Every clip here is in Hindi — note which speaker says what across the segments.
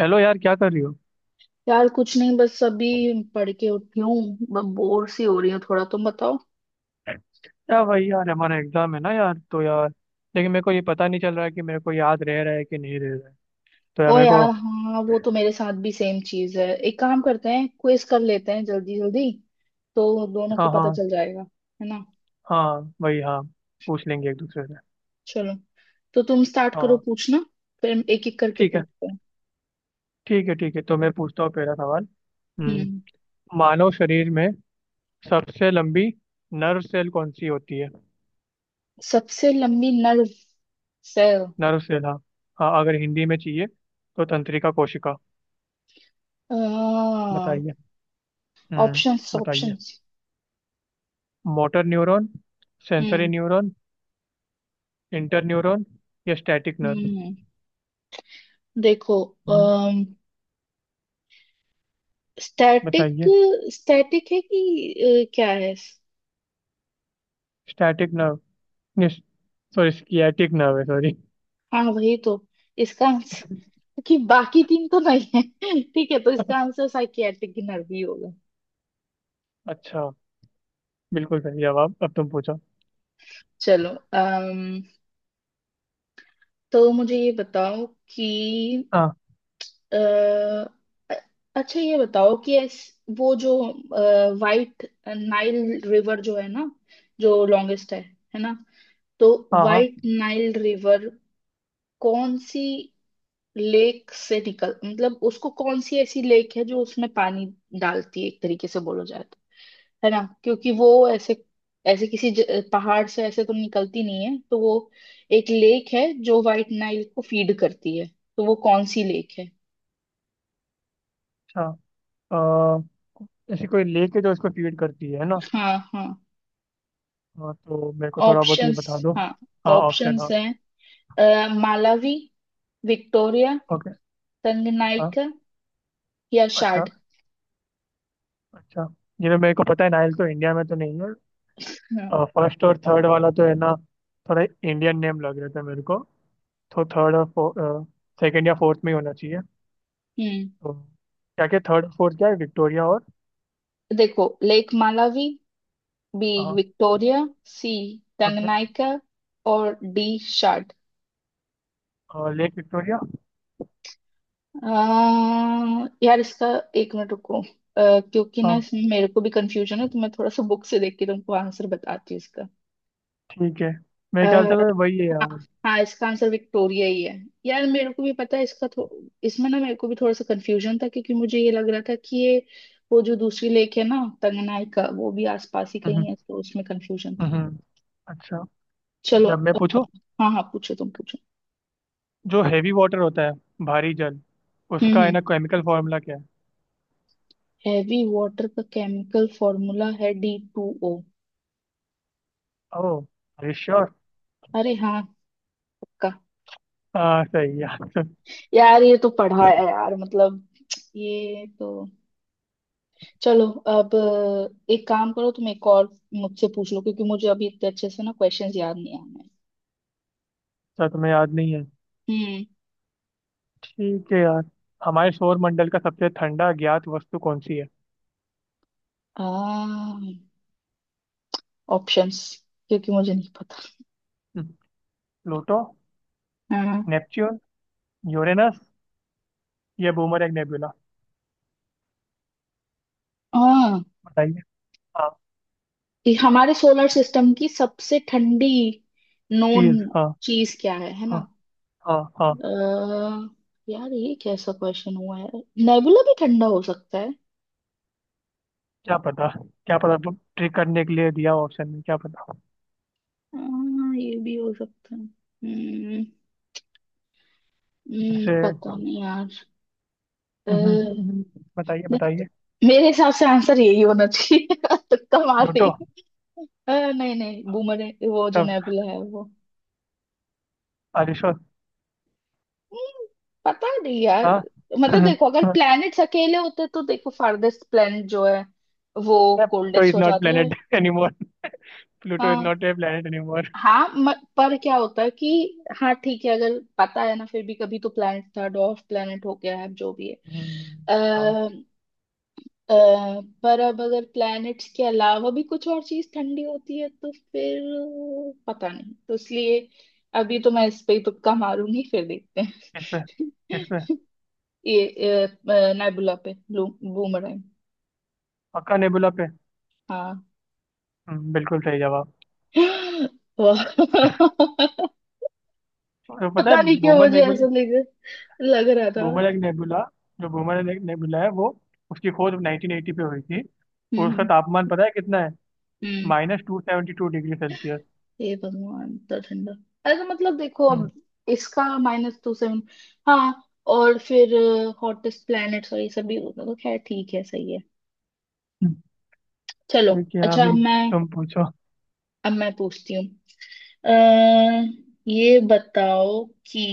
Speaker 1: हेलो यार, क्या कर रही हो?
Speaker 2: यार, कुछ नहीं, बस अभी पढ़ के उठी हूँ। बोर सी हो रही हूँ थोड़ा। तुम बताओ।
Speaker 1: यार भाई यार, हमारा एग्जाम है ना यार, तो यार, लेकिन मेरे को ये पता नहीं चल रहा है कि मेरे को याद रह रहा है कि नहीं रह रहा है। तो यार
Speaker 2: ओ
Speaker 1: मेरे को।
Speaker 2: यार, हाँ वो तो मेरे साथ भी सेम चीज है। एक काम करते हैं, क्विज कर लेते हैं जल्दी जल्दी, तो दोनों को
Speaker 1: हाँ
Speaker 2: पता
Speaker 1: हाँ।
Speaker 2: चल जाएगा। है ना?
Speaker 1: हाँ भाई हाँ। पूछ लेंगे एक दूसरे से।
Speaker 2: चलो, तो तुम स्टार्ट
Speaker 1: हाँ
Speaker 2: करो
Speaker 1: हाँ।
Speaker 2: पूछना, फिर हम एक एक करके
Speaker 1: ठीक है,
Speaker 2: पूछते हैं।
Speaker 1: ठीक है ठीक है, तो मैं पूछता हूँ पहला सवाल। हम्म,
Speaker 2: हम्म।
Speaker 1: मानव शरीर में सबसे लंबी नर्व सेल कौन सी होती है?
Speaker 2: सबसे लंबी नर्व सेल।
Speaker 1: नर्व सेल, हाँ। हाँ, अगर हिंदी में चाहिए तो तंत्रिका कोशिका। बताइए। हम्म।
Speaker 2: ऑप्शंस,
Speaker 1: बताइए।
Speaker 2: Options.
Speaker 1: Motor neuron, sensory
Speaker 2: hmm,
Speaker 1: neuron, interneuron या स्टैटिक नर्व।
Speaker 2: हम्म। देखो,
Speaker 1: हम्म,
Speaker 2: स्टैटिक,
Speaker 1: बताइए।
Speaker 2: स्टैटिक है कि क्या है?
Speaker 1: Static nerve, sorry sciatic nerve है, सॉरी।
Speaker 2: हाँ वही तो इसका आंसर, क्योंकि बाकी तीन तो नहीं है। ठीक है, तो इसका आंसर साइकियाट्रिक नर्व ही होगा।
Speaker 1: अच्छा। बिल्कुल सही जवाब, अब तुम पूछो।
Speaker 2: चलो। अम तो मुझे ये बताओ कि
Speaker 1: हाँ
Speaker 2: अ, अ- अच्छा, ये बताओ कि वो जो वाइट नाइल रिवर जो है ना, जो लॉन्गेस्ट है ना, तो
Speaker 1: हाँ। हाँ।
Speaker 2: वाइट नाइल रिवर कौन सी लेक से निकल, मतलब उसको कौन सी ऐसी लेक है जो उसमें पानी डालती है, एक तरीके से बोलो जाए तो, है ना, क्योंकि वो ऐसे ऐसे किसी पहाड़ से ऐसे तो निकलती नहीं है, तो वो एक लेक है जो व्हाइट नाइल को फीड करती है, तो वो कौन सी लेक है?
Speaker 1: अच्छा। अ, ऐसी कोई लेक है जो इसको फीड करती है ना?
Speaker 2: हाँ, हाँ,
Speaker 1: हाँ तो मेरे को थोड़ा बहुत ये
Speaker 2: ऑप्शंस,
Speaker 1: बता दो।
Speaker 2: हाँ,
Speaker 1: हाँ, ऑप्शन,
Speaker 2: ऑप्शंस
Speaker 1: हाँ।
Speaker 2: हैं, मालावी, विक्टोरिया,
Speaker 1: ओके। अच्छा।
Speaker 2: तंगनाइका, या
Speaker 1: अच्छा।
Speaker 2: शाड।
Speaker 1: अच्छा। जिन्हें मेरे को पता है, नाइल तो इंडिया में तो नहीं है।
Speaker 2: हाँ,
Speaker 1: फर्स्ट और थर्ड वाला तो है ना, थोड़ा इंडियन नेम लग रहे थे मेरे को। तो थर्ड और सेकंड या फोर्थ में ही होना चाहिए।
Speaker 2: हम्म।
Speaker 1: तो क्या क्या थर्ड फोर्थ क्या है, विक्टोरिया और?
Speaker 2: देखो, लेक मालावी, बी,
Speaker 1: हाँ।
Speaker 2: Victoria, C,
Speaker 1: okay.
Speaker 2: तंगनाइका, और डी, शार्ट।
Speaker 1: और लेक विक्टोरिया।
Speaker 2: यार, इसका एक मिनट रुको, क्योंकि ना
Speaker 1: हाँ।
Speaker 2: इसमें मेरे को भी कंफ्यूजन है, तो मैं थोड़ा सा बुक से देख के तुमको आंसर बताती हूँ इसका।
Speaker 1: ठीक है, मेरे ख्याल
Speaker 2: अह,
Speaker 1: से तो वही है
Speaker 2: हाँ,
Speaker 1: यार।
Speaker 2: हाँ, इसका आंसर विक्टोरिया ही है। यार, मेरे को भी पता है इसका। इसमें ना मेरे को भी थोड़ा सा कंफ्यूजन था, क्योंकि मुझे ये लग रहा था कि ये वो जो दूसरी लेक है ना, तंगनाइका, वो भी आसपास ही कहीं
Speaker 1: हम्म।
Speaker 2: है, तो उसमें कंफ्यूजन था।
Speaker 1: हम्म, अच्छा। ठीक
Speaker 2: चलो।
Speaker 1: है, अब मैं पूछूं।
Speaker 2: हाँ, हाँ, पूछो, तुम पूछो।
Speaker 1: जो हैवी वाटर होता है, भारी जल,
Speaker 2: हम्म,
Speaker 1: उसका है ना केमिकल फॉर्मूला क्या है?
Speaker 2: हैवी वाटर का केमिकल फॉर्मूला है D two O.
Speaker 1: O sure.
Speaker 2: अरे, हाँ, पक्का।
Speaker 1: हाँ सही है, अच्छा।
Speaker 2: यार, ये तो पढ़ा है यार, मतलब ये तो। चलो, अब एक काम करो, तुम एक और मुझसे पूछ लो, क्योंकि मुझे अभी इतने अच्छे से ना क्वेश्चंस याद नहीं आ रहे हैं।
Speaker 1: तुम्हें याद नहीं है?
Speaker 2: हम्म।
Speaker 1: ठीक है यार। हमारे सौर मंडल का सबसे ठंडा ज्ञात वस्तु कौन सी है?
Speaker 2: आ ऑप्शंस, क्योंकि मुझे नहीं पता।
Speaker 1: हम्म, प्लूटो,
Speaker 2: हाँ,
Speaker 1: नेपच्यून, यूरेनस या बूमरैंग नेबुला।
Speaker 2: हाँ,
Speaker 1: बताइए। हाँ।
Speaker 2: ये हमारे सोलर सिस्टम की सबसे ठंडी नोन
Speaker 1: चीज, हाँ।
Speaker 2: चीज क्या है
Speaker 1: हाँ
Speaker 2: ना?
Speaker 1: हाँ। हाँ।
Speaker 2: अह, यार, ये कैसा क्वेश्चन हुआ है। नेबुला भी ठंडा हो सकता है।
Speaker 1: क्या पता, क्या पता वो ट्रिक करने के लिए दिया ऑप्शन में, क्या पता।
Speaker 2: हाँ, ये भी हो सकता है। हम्म।
Speaker 1: ऐसे।
Speaker 2: पता नहीं यार। अह,
Speaker 1: हम्म, हम्म, हम्म, हम्म। बताइए
Speaker 2: नहीं,
Speaker 1: बताइए।
Speaker 2: मेरे हिसाब से आंसर यही होना चाहिए तुक्का मार रही
Speaker 1: प्लूटो।
Speaker 2: हूँ। नहीं, नहीं, बूमर, वो जो
Speaker 1: सब
Speaker 2: नेबुला है वो।
Speaker 1: अरिशो।
Speaker 2: हम्म, पता नहीं यार।
Speaker 1: हाँ।
Speaker 2: मतलब देखो, अगर प्लैनेट्स अकेले होते तो देखो, फार्देस्ट प्लैनेट जो है वो
Speaker 1: प्लूटो
Speaker 2: कोल्डेस्ट
Speaker 1: इज
Speaker 2: हो
Speaker 1: नॉट
Speaker 2: जाते हैं।
Speaker 1: Planet anymore. प्लूटो इज
Speaker 2: हाँ,
Speaker 1: नॉट ए प्लेनेट एनीमोर।
Speaker 2: हाँ, पर क्या होता है कि हाँ ठीक है, अगर पता है ना, फिर भी कभी तो प्लेनेट था, डॉर्फ प्लेनेट हो गया है, जो भी है।
Speaker 1: हम्म, हाँ।
Speaker 2: आ, पर अब अगर प्लैनेट्स के अलावा भी कुछ और चीज ठंडी होती है, तो फिर पता नहीं, तो इसलिए अभी तो मैं इस पे ही तुक्का मारूंगी, फिर देखते
Speaker 1: किस पे? किस पे?
Speaker 2: हैं। ये नेबुला पे, बूमरैंग।
Speaker 1: पक्का नेबुला पे?
Speaker 2: हाँ।
Speaker 1: बिल्कुल सही जवाब।
Speaker 2: वाह।
Speaker 1: तो पता है,
Speaker 2: पता नहीं क्यों
Speaker 1: बूमर
Speaker 2: मुझे
Speaker 1: नेबुला।
Speaker 2: ऐसा लग लग रहा था।
Speaker 1: बूमर एक नेबुला। जो बूमर एक नेबुला है, वो, उसकी खोज 1980 पे हुई थी। और उसका
Speaker 2: हम्म,
Speaker 1: तापमान पता है कितना है?
Speaker 2: हम्म।
Speaker 1: -72 डिग्री सेल्सियस।
Speaker 2: हे भगवान, तो ठंडा। अरे, तो मतलब देखो, अब इसका माइनस टू सेवन। हाँ। और फिर हॉटेस्ट प्लैनेट्स और ये सब भी होगा, तो खैर ठीक है, सही है। चलो।
Speaker 1: ठीक है,
Speaker 2: अच्छा, अब
Speaker 1: अभी
Speaker 2: मैं
Speaker 1: तुम पूछो।
Speaker 2: अब मैं पूछती हूँ। अः ये बताओ कि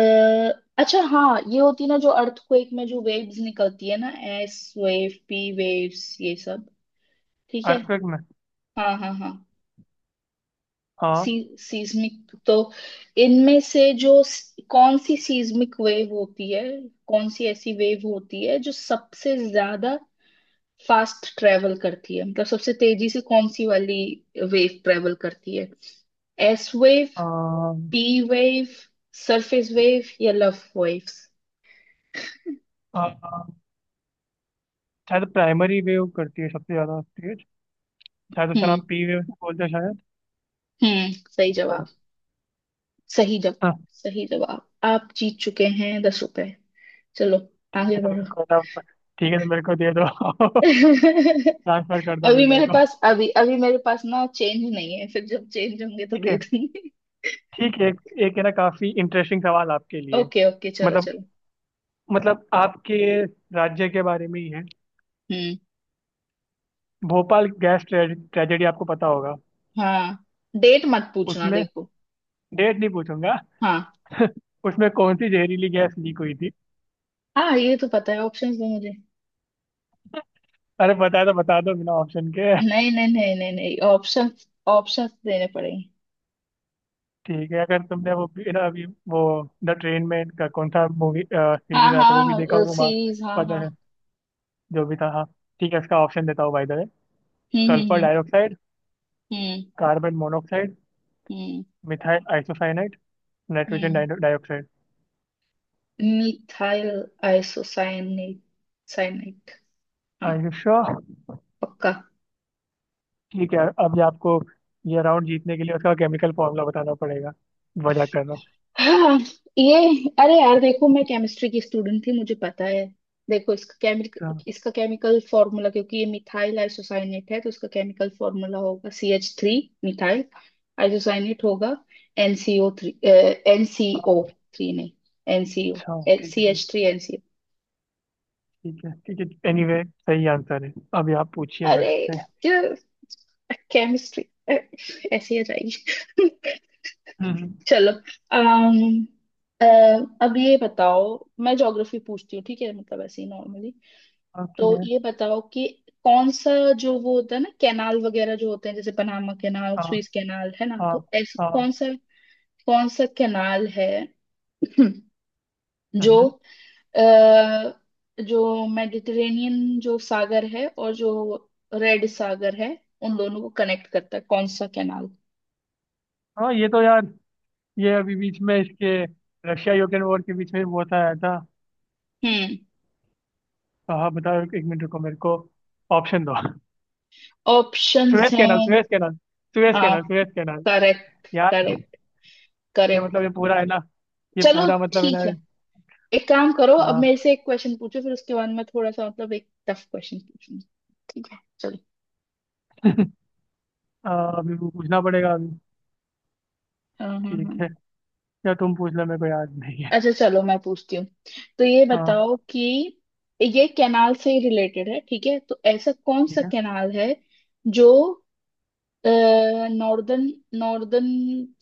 Speaker 2: अः अच्छा हाँ, ये होती है ना जो अर्थक्वेक में जो वेव्स निकलती है ना, एस वेव, पी वेव्स, ये सब, ठीक है।
Speaker 1: अर्थक्वेक में।
Speaker 2: हाँ, हाँ, हाँ,
Speaker 1: हाँ।
Speaker 2: सीस्मिक, तो इनमें से जो कौन सी सीस्मिक वेव होती है, कौन सी ऐसी वेव होती है जो सबसे ज्यादा फास्ट ट्रेवल करती है, मतलब सबसे तेजी से कौन सी वाली वेव ट्रेवल करती है? S wave,
Speaker 1: uh,
Speaker 2: P wave, surface wave, या लव वेव्स।
Speaker 1: अ, शायद प्राइमरी वेव करती है सबसे ज्यादा तेज। शायद उसका
Speaker 2: हम्म,
Speaker 1: नाम पी वेव बोलते हैं शायद।
Speaker 2: हम्म। सही जवाब, सही जवाब,
Speaker 1: हाँ।
Speaker 2: सही जवाब। आप जीत चुके हैं 10 रुपए। चलो,
Speaker 1: ठीक
Speaker 2: आगे
Speaker 1: है, तो मेरे
Speaker 2: बढ़ो।
Speaker 1: को ना। ठीक है, तो मेरे को दे दो, ट्रांसफर कर दो फिर मेरे को।
Speaker 2: अभी अभी मेरे पास ना चेंज नहीं है, फिर जब चेंज होंगे तो
Speaker 1: ठीक
Speaker 2: दे
Speaker 1: है
Speaker 2: देंगे।
Speaker 1: ठीक है, एक, एक है ना काफी इंटरेस्टिंग सवाल आपके लिए।
Speaker 2: ओके, ओके, चलो,
Speaker 1: मतलब
Speaker 2: चलो।
Speaker 1: मतलब आपके राज्य के बारे में ही है।
Speaker 2: हम्म।
Speaker 1: भोपाल गैस ट्रेजेडी आपको पता होगा।
Speaker 2: हाँ, डेट मत पूछना
Speaker 1: उसमें
Speaker 2: देखो।
Speaker 1: डेट नहीं पूछूंगा।
Speaker 2: हाँ,
Speaker 1: उसमें कौन सी जहरीली गैस लीक हुई थी?
Speaker 2: हाँ, ये तो पता है। ऑप्शंस दो मुझे।
Speaker 1: अरे पता है तो बता दो बिना ऑप्शन के।
Speaker 2: नहीं, नहीं, नहीं, नहीं, नहीं, ऑप्शंस, ऑप्शंस देने पड़ेंगे।
Speaker 1: ठीक है, अगर तुमने वो भी- ना अभी वो द ट्रेन में का कौन सा मूवी
Speaker 2: हाँ,
Speaker 1: सीरीज आया था वो भी देखा
Speaker 2: हाँ,
Speaker 1: होगा।
Speaker 2: सीरीज, हाँ, हाँ।
Speaker 1: पता है, जो भी था, हाँ। ठीक है, इसका ऑप्शन देता हूँ by the way.
Speaker 2: Hmm,
Speaker 1: sulphur
Speaker 2: hmm,
Speaker 1: dioxide,
Speaker 2: hmm,
Speaker 1: carbon monoxide,
Speaker 2: hmm,
Speaker 1: methyl isocyanide, nitrogen
Speaker 2: hmm,
Speaker 1: dioxide.
Speaker 2: Methyl isocyanate, cyanate. हाँ,
Speaker 1: आई, यू श्योर?
Speaker 2: पक्का।
Speaker 1: ठीक है, अब ये आपको ये राउंड जीतने के लिए उसका केमिकल फॉर्मूला बताना पड़ेगा। वजह कर रहा हूँ।
Speaker 2: हाँ, ये, अरे यार देखो, मैं केमिस्ट्री की स्टूडेंट थी, मुझे पता है। देखो, इसका केमिक
Speaker 1: अच्छा।
Speaker 2: इसका केमिकल फॉर्मूला, क्योंकि ये मिथाइल आइसोसाइनेट है, तो इसका केमिकल फॉर्मूला होगा C H three, methyl isocyanate होगा एनसीओ थ्री, एनसीओ थ्री नहीं, एनसीओ,
Speaker 1: अच्छा, ठीक है
Speaker 2: सी
Speaker 1: ठीक है।
Speaker 2: H three NCO.
Speaker 1: ठीक है ठीक है, एनीवे सही आंसर है। अभी आप पूछिए मेरे
Speaker 2: अरे,
Speaker 1: से।
Speaker 2: केमिस्ट्री ऐसी आ जाएगी।
Speaker 1: हम्म।
Speaker 2: चलो। अम अ, अब ये बताओ, मैं ज्योग्राफी पूछती हूँ, ठीक है, मतलब ऐसे ही नॉर्मली। तो
Speaker 1: ओके।
Speaker 2: ये बताओ कि कौन सा, जो वो होता है ना कैनाल वगैरह जो होते हैं, जैसे पनामा कैनाल,
Speaker 1: हाँ
Speaker 2: स्विस कैनाल, है ना,
Speaker 1: हाँ
Speaker 2: तो ऐसा
Speaker 1: हाँ।
Speaker 2: कौन सा, कौन सा कैनाल है? जो
Speaker 1: हम्म।
Speaker 2: अ, जो मेडिटेरेनियन जो सागर है, और जो रेड सागर है, उन दोनों को कनेक्ट करता है, कौन सा कैनाल?
Speaker 1: हाँ, ये तो यार, ये अभी बीच में इसके रशिया यूक्रेन वॉर के बीच में वो होता आया था।
Speaker 2: हम्म।
Speaker 1: हाँ हाँ, बताओ, एक मिनट रुको, मेरे को ऑप्शन दो।
Speaker 2: ऑप्शंस
Speaker 1: सुएज कैनाल,
Speaker 2: हैं।
Speaker 1: सुएज कैनाल, सुएज
Speaker 2: हाँ,
Speaker 1: कैनाल, सुएज कैनाल।
Speaker 2: करेक्ट,
Speaker 1: यार,
Speaker 2: करेक्ट,
Speaker 1: ये मतलब
Speaker 2: करेक्ट।
Speaker 1: ये पूरा है ना, ये
Speaker 2: चलो,
Speaker 1: पूरा मतलब है ना।
Speaker 2: ठीक है। एक काम करो, अब
Speaker 1: आ,
Speaker 2: मेरे से एक क्वेश्चन पूछो, फिर उसके बाद मैं थोड़ा सा मतलब एक टफ क्वेश्चन पूछूंगी। ठीक है, चलो।
Speaker 1: आ, अभी वो पूछना पड़ेगा अभी।
Speaker 2: हाँ, हाँ, हाँ,
Speaker 1: ठीक है, या तुम पूछ लो, मेरे को याद नहीं है।
Speaker 2: अच्छा, चलो, मैं पूछती हूँ। तो ये
Speaker 1: हाँ।
Speaker 2: बताओ कि ये कैनाल से ही रिलेटेड है, ठीक है, तो ऐसा कौन सा
Speaker 1: ठीक है।
Speaker 2: कैनाल है जो नॉर्दर्न, नॉर्दर्न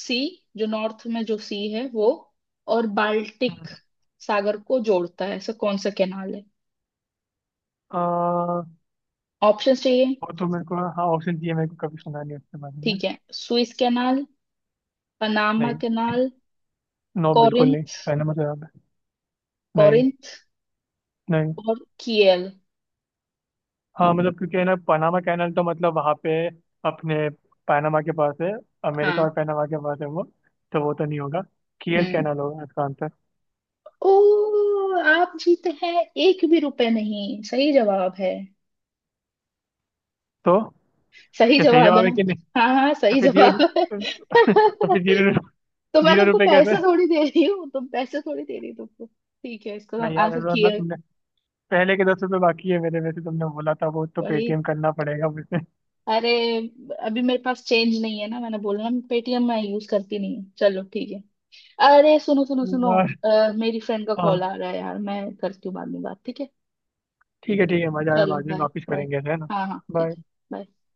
Speaker 2: सी, जो नॉर्थ में जो सी है वो, और
Speaker 1: हम्म,
Speaker 2: बाल्टिक सागर को जोड़ता है, ऐसा कौन सा कैनाल है?
Speaker 1: आ,
Speaker 2: ऑप्शन चाहिए?
Speaker 1: वो तो मेरे को, हाँ ऑप्शन चाहिए, मेरे को कभी सुना नहीं उसके बारे में।
Speaker 2: ठीक है। सुइस कैनाल, पनामा
Speaker 1: नहीं,
Speaker 2: कनाल,
Speaker 1: नो, बिल्कुल नहीं,
Speaker 2: कोरिंथ,
Speaker 1: पहला मतलब याद है। नहीं
Speaker 2: कोरिंथ,
Speaker 1: नहीं।
Speaker 2: और कियल।
Speaker 1: हाँ मतलब, क्योंकि है ना पनामा कैनल, तो मतलब वहाँ पे अपने पनामा के पास है, अमेरिका
Speaker 2: हाँ।
Speaker 1: और पनामा के पास है वो। तो वो तो नहीं होगा, कियल
Speaker 2: हम्म।
Speaker 1: कैनल होगा इसका आंसर।
Speaker 2: ओ, आप जीते हैं, एक भी रुपए नहीं सही जवाब है।
Speaker 1: तो
Speaker 2: सही
Speaker 1: क्या सही
Speaker 2: जवाब है
Speaker 1: जवाब
Speaker 2: ना?
Speaker 1: है कि नहीं?
Speaker 2: हाँ, हाँ,
Speaker 1: तो
Speaker 2: सही
Speaker 1: फिर जीरो।
Speaker 2: जवाब है।
Speaker 1: तो फिर जीरो।
Speaker 2: तो मैं
Speaker 1: जीरो
Speaker 2: तुमको
Speaker 1: रुपये
Speaker 2: पैसे
Speaker 1: कैसे?
Speaker 2: थोड़ी दे रही हूँ, तुम पैसे थोड़ी दे रही हो तुमको, ठीक है, इसका
Speaker 1: नहीं यार
Speaker 2: आंसर
Speaker 1: अनुराग, ना
Speaker 2: कियल।
Speaker 1: तुमने पहले के 10 रुपये बाकी है मेरे, वैसे तुमने बोला था वो तो
Speaker 2: वही।
Speaker 1: पेटीएम करना पड़ेगा मुझसे।
Speaker 2: अरे, अभी मेरे पास चेंज नहीं है ना, मैंने बोला ना, पेटीएम मैं यूज करती नहीं हूँ। चलो, ठीक है। अरे, सुनो, सुनो, सुनो,
Speaker 1: यार।
Speaker 2: मेरी फ्रेंड का कॉल
Speaker 1: हाँ।
Speaker 2: आ रहा है यार, मैं करती हूँ बाद में बात, ठीक है।
Speaker 1: ठीक है ठीक है, मजा आया,
Speaker 2: चलो,
Speaker 1: बाद में
Speaker 2: बाय,
Speaker 1: वापिस
Speaker 2: बाय।
Speaker 1: करेंगे ऐसे, है ना?
Speaker 2: हाँ, हाँ, ठीक
Speaker 1: बाय।
Speaker 2: है, bye।